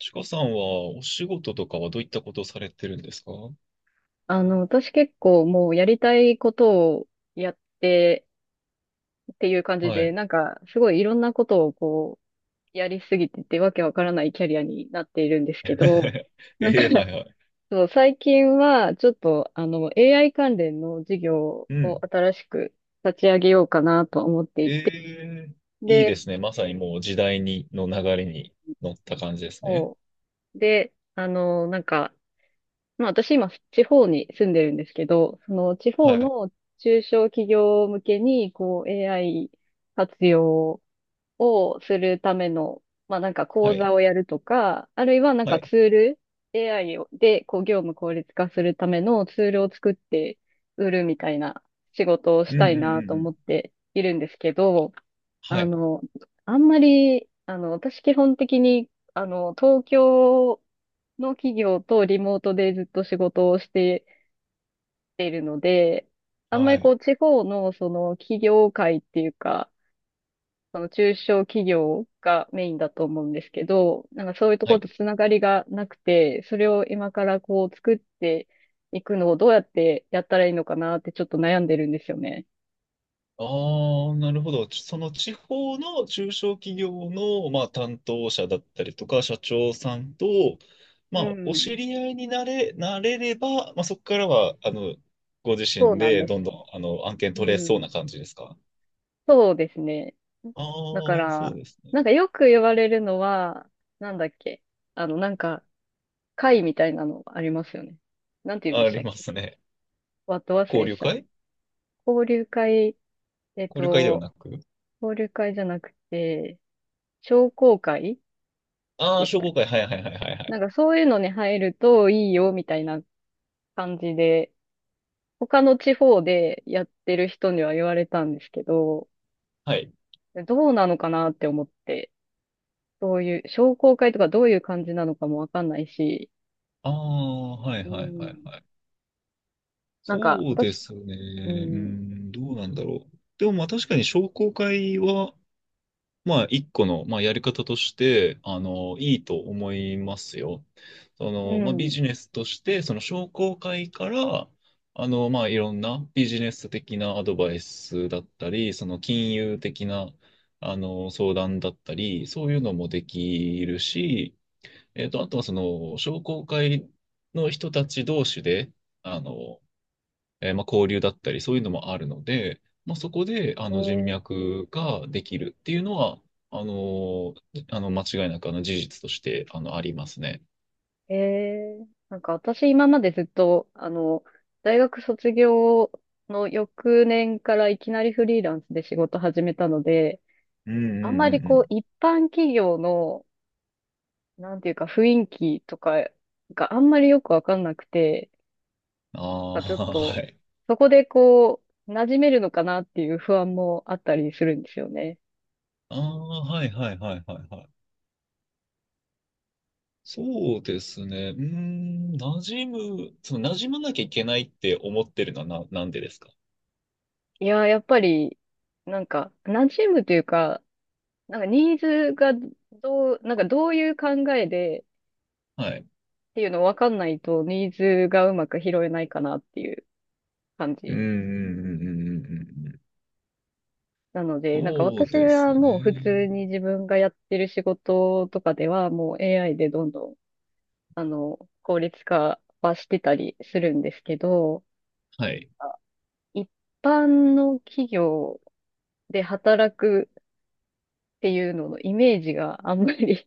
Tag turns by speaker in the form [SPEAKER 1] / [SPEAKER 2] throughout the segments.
[SPEAKER 1] ちかさんはお仕事とかはどういったことをされてるんですか？
[SPEAKER 2] 私結構もうやりたいことをやってっていう感じ
[SPEAKER 1] は
[SPEAKER 2] で、
[SPEAKER 1] い。
[SPEAKER 2] なんかすごいいろんなことをこう、やりすぎててわけわからないキャリアになっているんですけど、なんか
[SPEAKER 1] ええは いはい。
[SPEAKER 2] そう、最近はちょっとAI 関連の事業
[SPEAKER 1] う
[SPEAKER 2] を
[SPEAKER 1] ん。
[SPEAKER 2] 新しく立ち上げようかなと思って
[SPEAKER 1] え
[SPEAKER 2] いて、
[SPEAKER 1] え、いいで
[SPEAKER 2] で、
[SPEAKER 1] すね。まさにもう時代に、の流れに乗った感じですね。
[SPEAKER 2] もう、で、あの、なんか、まあ私今地方に住んでるんですけど、その地
[SPEAKER 1] は
[SPEAKER 2] 方
[SPEAKER 1] い。
[SPEAKER 2] の中小企業向けにこう AI 活用をするための、まあなんか
[SPEAKER 1] は
[SPEAKER 2] 講
[SPEAKER 1] い。
[SPEAKER 2] 座をやるとか、あるいはなん
[SPEAKER 1] は
[SPEAKER 2] か
[SPEAKER 1] い。
[SPEAKER 2] ツール、AI をでこう業務効率化するためのツールを作って売るみたいな仕事を
[SPEAKER 1] う
[SPEAKER 2] し
[SPEAKER 1] んう
[SPEAKER 2] た
[SPEAKER 1] ん
[SPEAKER 2] い
[SPEAKER 1] う
[SPEAKER 2] なと
[SPEAKER 1] んう
[SPEAKER 2] 思
[SPEAKER 1] ん。
[SPEAKER 2] っているんですけど、
[SPEAKER 1] は
[SPEAKER 2] あ
[SPEAKER 1] い。
[SPEAKER 2] の、あんまり、私基本的に、東京の企業とリモートでずっと仕事をしているので、あんま
[SPEAKER 1] は
[SPEAKER 2] りこ
[SPEAKER 1] い。
[SPEAKER 2] う、地方のその企業界っていうか、その中小企業がメインだと思うんですけど、なんかそういうとこ
[SPEAKER 1] は
[SPEAKER 2] ろ
[SPEAKER 1] い。
[SPEAKER 2] とつながりがなくて、それを今からこう、作っていくのをどうやってやったらいいのかなってちょっと悩んでるんですよね。
[SPEAKER 1] ああ、なるほど。その地方の中小企業の、まあ、担当者だったりとか、社長さんと、ま
[SPEAKER 2] う
[SPEAKER 1] あ、お知
[SPEAKER 2] ん。
[SPEAKER 1] り合いになれれば、まあ、そこからは、ご自
[SPEAKER 2] そう
[SPEAKER 1] 身
[SPEAKER 2] なん
[SPEAKER 1] で
[SPEAKER 2] で
[SPEAKER 1] どん
[SPEAKER 2] す
[SPEAKER 1] どん、
[SPEAKER 2] よ。
[SPEAKER 1] 案件
[SPEAKER 2] う
[SPEAKER 1] 取れそう
[SPEAKER 2] ん。
[SPEAKER 1] な感じですか？
[SPEAKER 2] そうですね。
[SPEAKER 1] ああ
[SPEAKER 2] だか
[SPEAKER 1] ー、そう
[SPEAKER 2] ら、
[SPEAKER 1] ですね。
[SPEAKER 2] なんかよく言われるのは、なんだっけ。あの、なんか、会みたいなのありますよね。なんて言うんで
[SPEAKER 1] あ
[SPEAKER 2] し
[SPEAKER 1] り
[SPEAKER 2] たっ
[SPEAKER 1] ま
[SPEAKER 2] け。
[SPEAKER 1] すね。
[SPEAKER 2] わっと忘
[SPEAKER 1] 交
[SPEAKER 2] れ
[SPEAKER 1] 流
[SPEAKER 2] しちゃった。
[SPEAKER 1] 会。
[SPEAKER 2] 交流会、えっ
[SPEAKER 1] 交流会では
[SPEAKER 2] と、
[SPEAKER 1] なく、
[SPEAKER 2] 交流会じゃなくて、商工会
[SPEAKER 1] ああー、
[SPEAKER 2] でし
[SPEAKER 1] 商
[SPEAKER 2] たっ
[SPEAKER 1] 工
[SPEAKER 2] け。
[SPEAKER 1] 会。はいはいはいはいは
[SPEAKER 2] な
[SPEAKER 1] い。
[SPEAKER 2] んかそういうのに入るといいよ、みたいな感じで、他の地方でやってる人には言われたんですけど、
[SPEAKER 1] はい。
[SPEAKER 2] どうなのかなって思って、どういう、商工会とかどういう感じなのかもわかんないし、
[SPEAKER 1] ああ、はい
[SPEAKER 2] う
[SPEAKER 1] はいは
[SPEAKER 2] ん。
[SPEAKER 1] いはい。
[SPEAKER 2] なんか、
[SPEAKER 1] そうで
[SPEAKER 2] 私、
[SPEAKER 1] すね。
[SPEAKER 2] う
[SPEAKER 1] う
[SPEAKER 2] ん、
[SPEAKER 1] ん、どうなんだろう。でもまあ確かに商工会は、まあ一個の、まあ、やり方として、いいと思いますよ。そ
[SPEAKER 2] う
[SPEAKER 1] の、まあビ
[SPEAKER 2] ん、
[SPEAKER 1] ジネスとして、その商工会から、まあいろんなビジネス的なアドバイスだったり、その金融的な、相談だったり、そういうのもできるし、あとはその商工会の人たち同士で、あの、まあ、交流だったり、そういうのもあるので、まあ、そこであの人
[SPEAKER 2] え
[SPEAKER 1] 脈ができるっていうのは、あのー間違いなく事実としてありますね。
[SPEAKER 2] なんか私今までずっと、大学卒業の翌年からいきなりフリーランスで仕事始めたので、
[SPEAKER 1] うんう
[SPEAKER 2] あんま
[SPEAKER 1] ん
[SPEAKER 2] り
[SPEAKER 1] うんう
[SPEAKER 2] こう、
[SPEAKER 1] ん。
[SPEAKER 2] 一般企業の、なんていうか雰囲気とかがあんまりよくわかんなくて、
[SPEAKER 1] あ
[SPEAKER 2] なんかちょっ
[SPEAKER 1] あ、は
[SPEAKER 2] と、
[SPEAKER 1] い。
[SPEAKER 2] そこでこう、馴染めるのかなっていう不安もあったりするんですよね。
[SPEAKER 1] ああ、はいはいはいはいはい。そうですね。うーん、馴染む、その馴染まなきゃいけないって思ってるのはなんでですか？
[SPEAKER 2] いやー、やっぱり、なんか、馴染むというか、なんかニーズがどう、なんかどういう考えでっ
[SPEAKER 1] はい。
[SPEAKER 2] ていうの分かんないと、ニーズがうまく拾えないかなっていう感
[SPEAKER 1] うん
[SPEAKER 2] じ
[SPEAKER 1] うんうんうんうんうんうん。
[SPEAKER 2] なので、なんか
[SPEAKER 1] そう
[SPEAKER 2] 私
[SPEAKER 1] です
[SPEAKER 2] はもう普通
[SPEAKER 1] ね。
[SPEAKER 2] に自分がやってる仕事とかでは、もう AI でどんどん、効率化はしてたりするんですけど、
[SPEAKER 1] はい。
[SPEAKER 2] 一般の企業で働くっていうののイメージがあんまり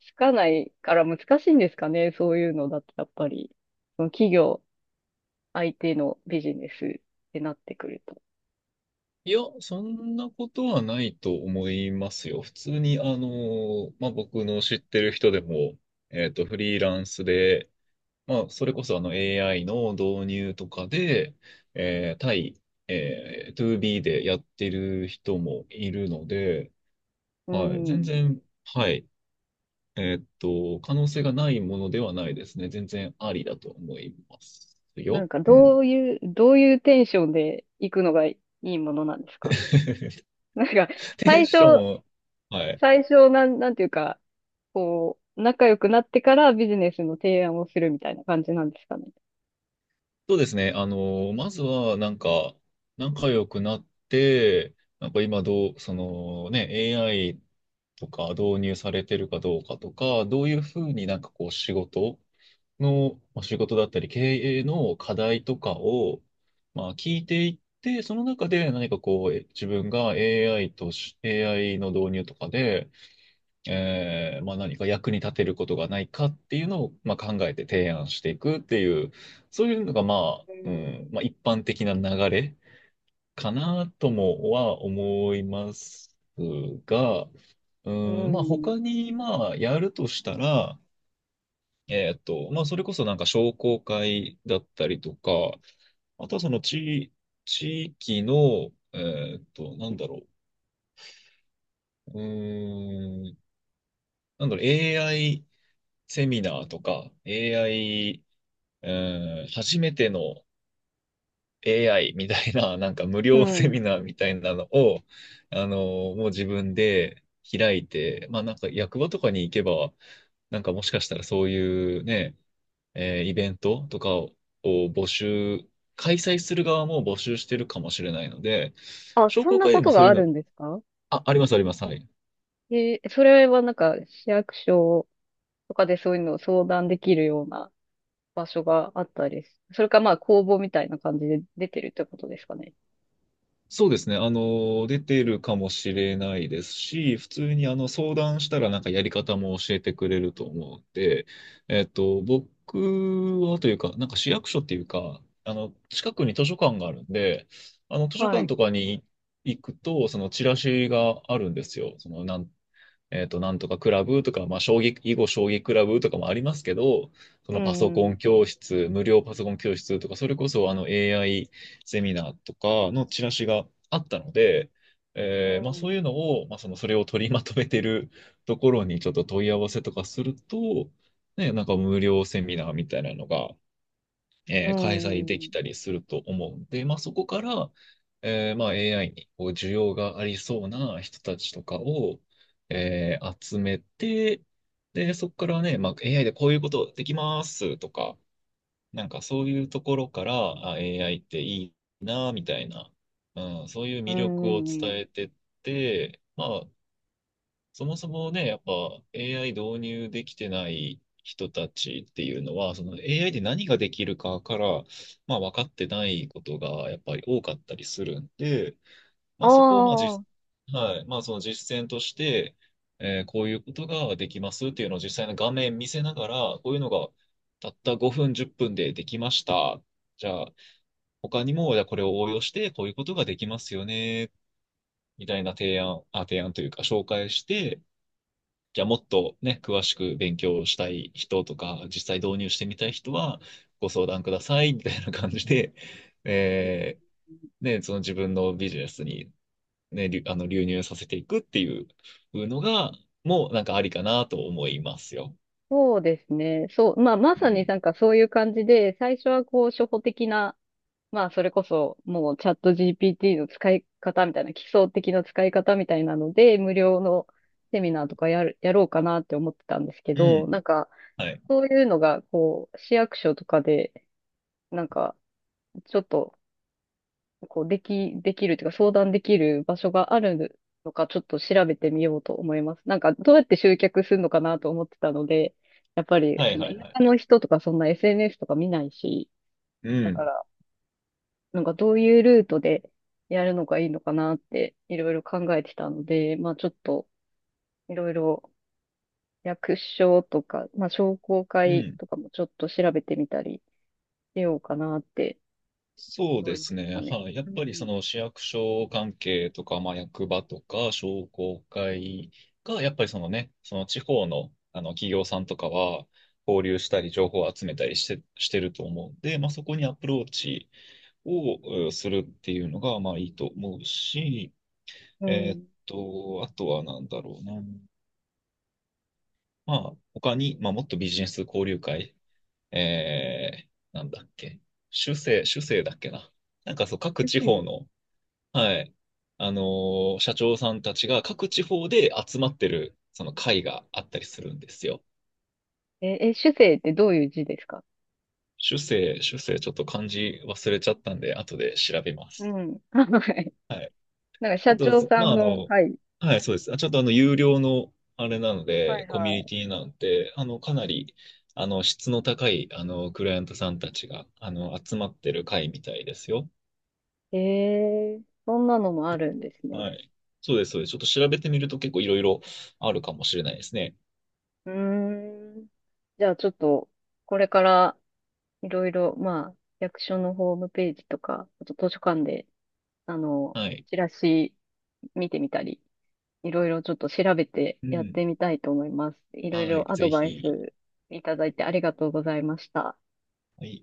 [SPEAKER 2] つかないから難しいんですかね、そういうのだと、やっぱり。その企業相手のビジネスってなってくると。
[SPEAKER 1] いや、そんなことはないと思いますよ。普通に、まあ、僕の知ってる人でも、フリーランスで、まあ、それこそAI の導入とかで、えー、対、えー、2B でやってる人もいるので、
[SPEAKER 2] う
[SPEAKER 1] はい、全
[SPEAKER 2] ん。
[SPEAKER 1] 然、はい、可能性がないものではないですね。全然ありだと思います
[SPEAKER 2] な
[SPEAKER 1] よ。
[SPEAKER 2] んか
[SPEAKER 1] うん。
[SPEAKER 2] どういう、どういうテンションで行くのがいいものなんですか？ なんか、
[SPEAKER 1] テン
[SPEAKER 2] 最
[SPEAKER 1] シ
[SPEAKER 2] 初、
[SPEAKER 1] ョン、はい。
[SPEAKER 2] 最初、なんていうか、こう、仲良くなってからビジネスの提案をするみたいな感じなんですかね。
[SPEAKER 1] そうですね。まずは、なんか、仲良くなって、なんか今どう、そのね、AI とか導入されてるかどうかとか、どういうふうになんかこう仕事の、まあ、仕事だったり経営の課題とかを、まあ聞いていって、その中で何かこう、自分が AI の導入とかで、まあ、何か役に立てることがないかっていうのを、まあ、考えて提案していくっていう、そういうのが、まあ、
[SPEAKER 2] う
[SPEAKER 1] う
[SPEAKER 2] ん。
[SPEAKER 1] ん、まあ、一般的な流れかなともは思いますが、う
[SPEAKER 2] う
[SPEAKER 1] ん、まあ、
[SPEAKER 2] ん。
[SPEAKER 1] 他に、まあ、やるとしたら、まあ、それこそなんか商工会だったりとか、あとはその地域の、なんだろう、うーん、なんだろう、セミナーとか AI、うん、初めての AI みたいな、なんか無
[SPEAKER 2] う
[SPEAKER 1] 料セミ
[SPEAKER 2] ん。
[SPEAKER 1] ナーみたいなのを、もう自分で開いて、まあなんか役場とかに行けば、なんかもしかしたらそういうね、イベントとかを募集、開催する側も募集してるかもしれないので、
[SPEAKER 2] あ、
[SPEAKER 1] 商
[SPEAKER 2] そん
[SPEAKER 1] 工
[SPEAKER 2] な
[SPEAKER 1] 会
[SPEAKER 2] こ
[SPEAKER 1] でも
[SPEAKER 2] と
[SPEAKER 1] そ
[SPEAKER 2] が
[SPEAKER 1] ういう
[SPEAKER 2] あ
[SPEAKER 1] の、
[SPEAKER 2] るんですか？
[SPEAKER 1] あ、ありますあります。はい。
[SPEAKER 2] それはなんか、市役所とかでそういうのを相談できるような場所があったりす。それかまあ公募みたいな感じで出てるってことですかね。
[SPEAKER 1] そうですね。出てるかもしれないですし、普通に相談したらなんかやり方も教えてくれると思うので、僕はというか、なんか市役所っていうか、近くに図書館があるんで、図書
[SPEAKER 2] は
[SPEAKER 1] 館
[SPEAKER 2] い。
[SPEAKER 1] とかに行くと、そのチラシがあるんですよ。なんとかクラブとか、まあ、囲碁将棋クラブとかもありますけど、そ
[SPEAKER 2] う
[SPEAKER 1] のパソコ
[SPEAKER 2] ん。
[SPEAKER 1] ン教室、無料パソコン教室とか、それこそAI セミナーとかのチラシがあったので、
[SPEAKER 2] う
[SPEAKER 1] まあ、そ
[SPEAKER 2] ん。
[SPEAKER 1] ういうのを、まあ、それを取りまとめてるところにちょっと問い合わせとかすると、ね、なんか無料セミナーみたいなのが
[SPEAKER 2] う
[SPEAKER 1] 開催でき
[SPEAKER 2] ん。
[SPEAKER 1] たりすると思うんで、まあ、そこから、まあ、AI にこう需要がありそうな人たちとかを、集めて、で、そこからね、まあ、AI でこういうことできますとか、なんかそういうところから、あ、AI っていいな、みたいな、うん、そういう
[SPEAKER 2] う
[SPEAKER 1] 魅力を
[SPEAKER 2] ん。
[SPEAKER 1] 伝えてって、まあ、そもそもね、やっぱ AI 導入できてない人たちっていうのは、その AI で何ができるかから、まあ、分かってないことがやっぱり多かったりするんで、
[SPEAKER 2] あ
[SPEAKER 1] まあ、そこをまあ
[SPEAKER 2] あー、
[SPEAKER 1] はい、まあ、その実践として、こういうことができますっていうのを実際の画面見せながら、こういうのがたった5分、10分でできました。じゃあ、他にも、じゃあこれを応用して、こういうことができますよね、みたいな提案、あ、提案というか紹介して、じゃあもっとね、詳しく勉強したい人とか、実際導入してみたい人はご相談くださいみたいな感じで、えね、その自分のビジネスに、ね、流あの流入させていくっていうのが、もうなんかありかなと思いますよ。
[SPEAKER 2] そうですね。そう。まあま
[SPEAKER 1] う
[SPEAKER 2] さに
[SPEAKER 1] ん。
[SPEAKER 2] なんかそういう感じで、最初はこう初歩的な、まあそれこそもうチャット GPT の使い方みたいな、基礎的な使い方みたいなので、無料のセミナーとかやろうかなって思ってたんですけ
[SPEAKER 1] う
[SPEAKER 2] ど、な
[SPEAKER 1] ん。
[SPEAKER 2] んか、
[SPEAKER 1] はい。
[SPEAKER 2] そういうのが、こう、市役所とかで、なんか、ちょっと、こう、できるというか、相談できる場所があるのか、ちょっと調べてみようと思います。なんか、どうやって集客するのかなと思ってたので、やっぱり、
[SPEAKER 1] は
[SPEAKER 2] そ
[SPEAKER 1] い
[SPEAKER 2] の、
[SPEAKER 1] は
[SPEAKER 2] 田
[SPEAKER 1] いはい
[SPEAKER 2] 舎
[SPEAKER 1] は
[SPEAKER 2] の
[SPEAKER 1] い。
[SPEAKER 2] 人とか、そんな SNS とか見ないし、
[SPEAKER 1] う
[SPEAKER 2] だか
[SPEAKER 1] ん。
[SPEAKER 2] ら、なんか、どういうルートでやるのがいいのかなって、いろいろ考えてたので、まあ、ちょっと、いろいろ、役所とか、まあ、商工
[SPEAKER 1] う
[SPEAKER 2] 会
[SPEAKER 1] ん。
[SPEAKER 2] とかもちょっと調べてみたりしようかなって、
[SPEAKER 1] そう
[SPEAKER 2] 思
[SPEAKER 1] で
[SPEAKER 2] いまし
[SPEAKER 1] す
[SPEAKER 2] た
[SPEAKER 1] ね。
[SPEAKER 2] ね。
[SPEAKER 1] はい。やっ
[SPEAKER 2] う
[SPEAKER 1] ぱりそ
[SPEAKER 2] ん。
[SPEAKER 1] の市役所関係とか、まあ、役場とか商工会が、やっぱりそのね、その地方の、あの企業さんとかは交流したり情報を集めたりしてると思うんで、まあ、そこにアプローチをうんするっていうのが、まあいいと思うし、
[SPEAKER 2] う
[SPEAKER 1] えーっ
[SPEAKER 2] ん。
[SPEAKER 1] あとはなんだろうな。まあ他に、まあもっとビジネス交流会、えなんだっけ。主政、主政だっけな。なんかそう、各
[SPEAKER 2] 主
[SPEAKER 1] 地方
[SPEAKER 2] 生。
[SPEAKER 1] の、はい。あの社長さんたちが各地方で集まってる、その会があったりするんですよ。
[SPEAKER 2] 主生ってどういう字ですか？
[SPEAKER 1] 主生、主生、ちょっと漢字忘れちゃったんで、後で調べま
[SPEAKER 2] う
[SPEAKER 1] す。
[SPEAKER 2] ん。はい。
[SPEAKER 1] はい。
[SPEAKER 2] なんか
[SPEAKER 1] あ
[SPEAKER 2] 社
[SPEAKER 1] と、
[SPEAKER 2] 長さ
[SPEAKER 1] まあ、
[SPEAKER 2] んの会。
[SPEAKER 1] はい、そうです。あちょっと有料の、あれなの
[SPEAKER 2] は
[SPEAKER 1] で、
[SPEAKER 2] い
[SPEAKER 1] コミュニ
[SPEAKER 2] は
[SPEAKER 1] ティなんて、かなり、質の高い、クライアントさんたちが、集まってる会みたいですよ。
[SPEAKER 2] い。えー、そんなのもあるんです
[SPEAKER 1] は
[SPEAKER 2] ね。
[SPEAKER 1] い。そうです、そうです。ちょっと調べてみると結構いろいろあるかもしれないですね。
[SPEAKER 2] うーん。じゃあちょっと、これからいろいろ、まあ、役所のホームページとか、あと図書館で、あの、
[SPEAKER 1] はい。
[SPEAKER 2] チラシ見てみたり、いろいろちょっと調べて
[SPEAKER 1] う
[SPEAKER 2] やっ
[SPEAKER 1] ん。
[SPEAKER 2] てみたいと思います。いろい
[SPEAKER 1] は
[SPEAKER 2] ろ
[SPEAKER 1] い、
[SPEAKER 2] アド
[SPEAKER 1] ぜ
[SPEAKER 2] バイ
[SPEAKER 1] ひ。
[SPEAKER 2] スいただいてありがとうございました。
[SPEAKER 1] はい。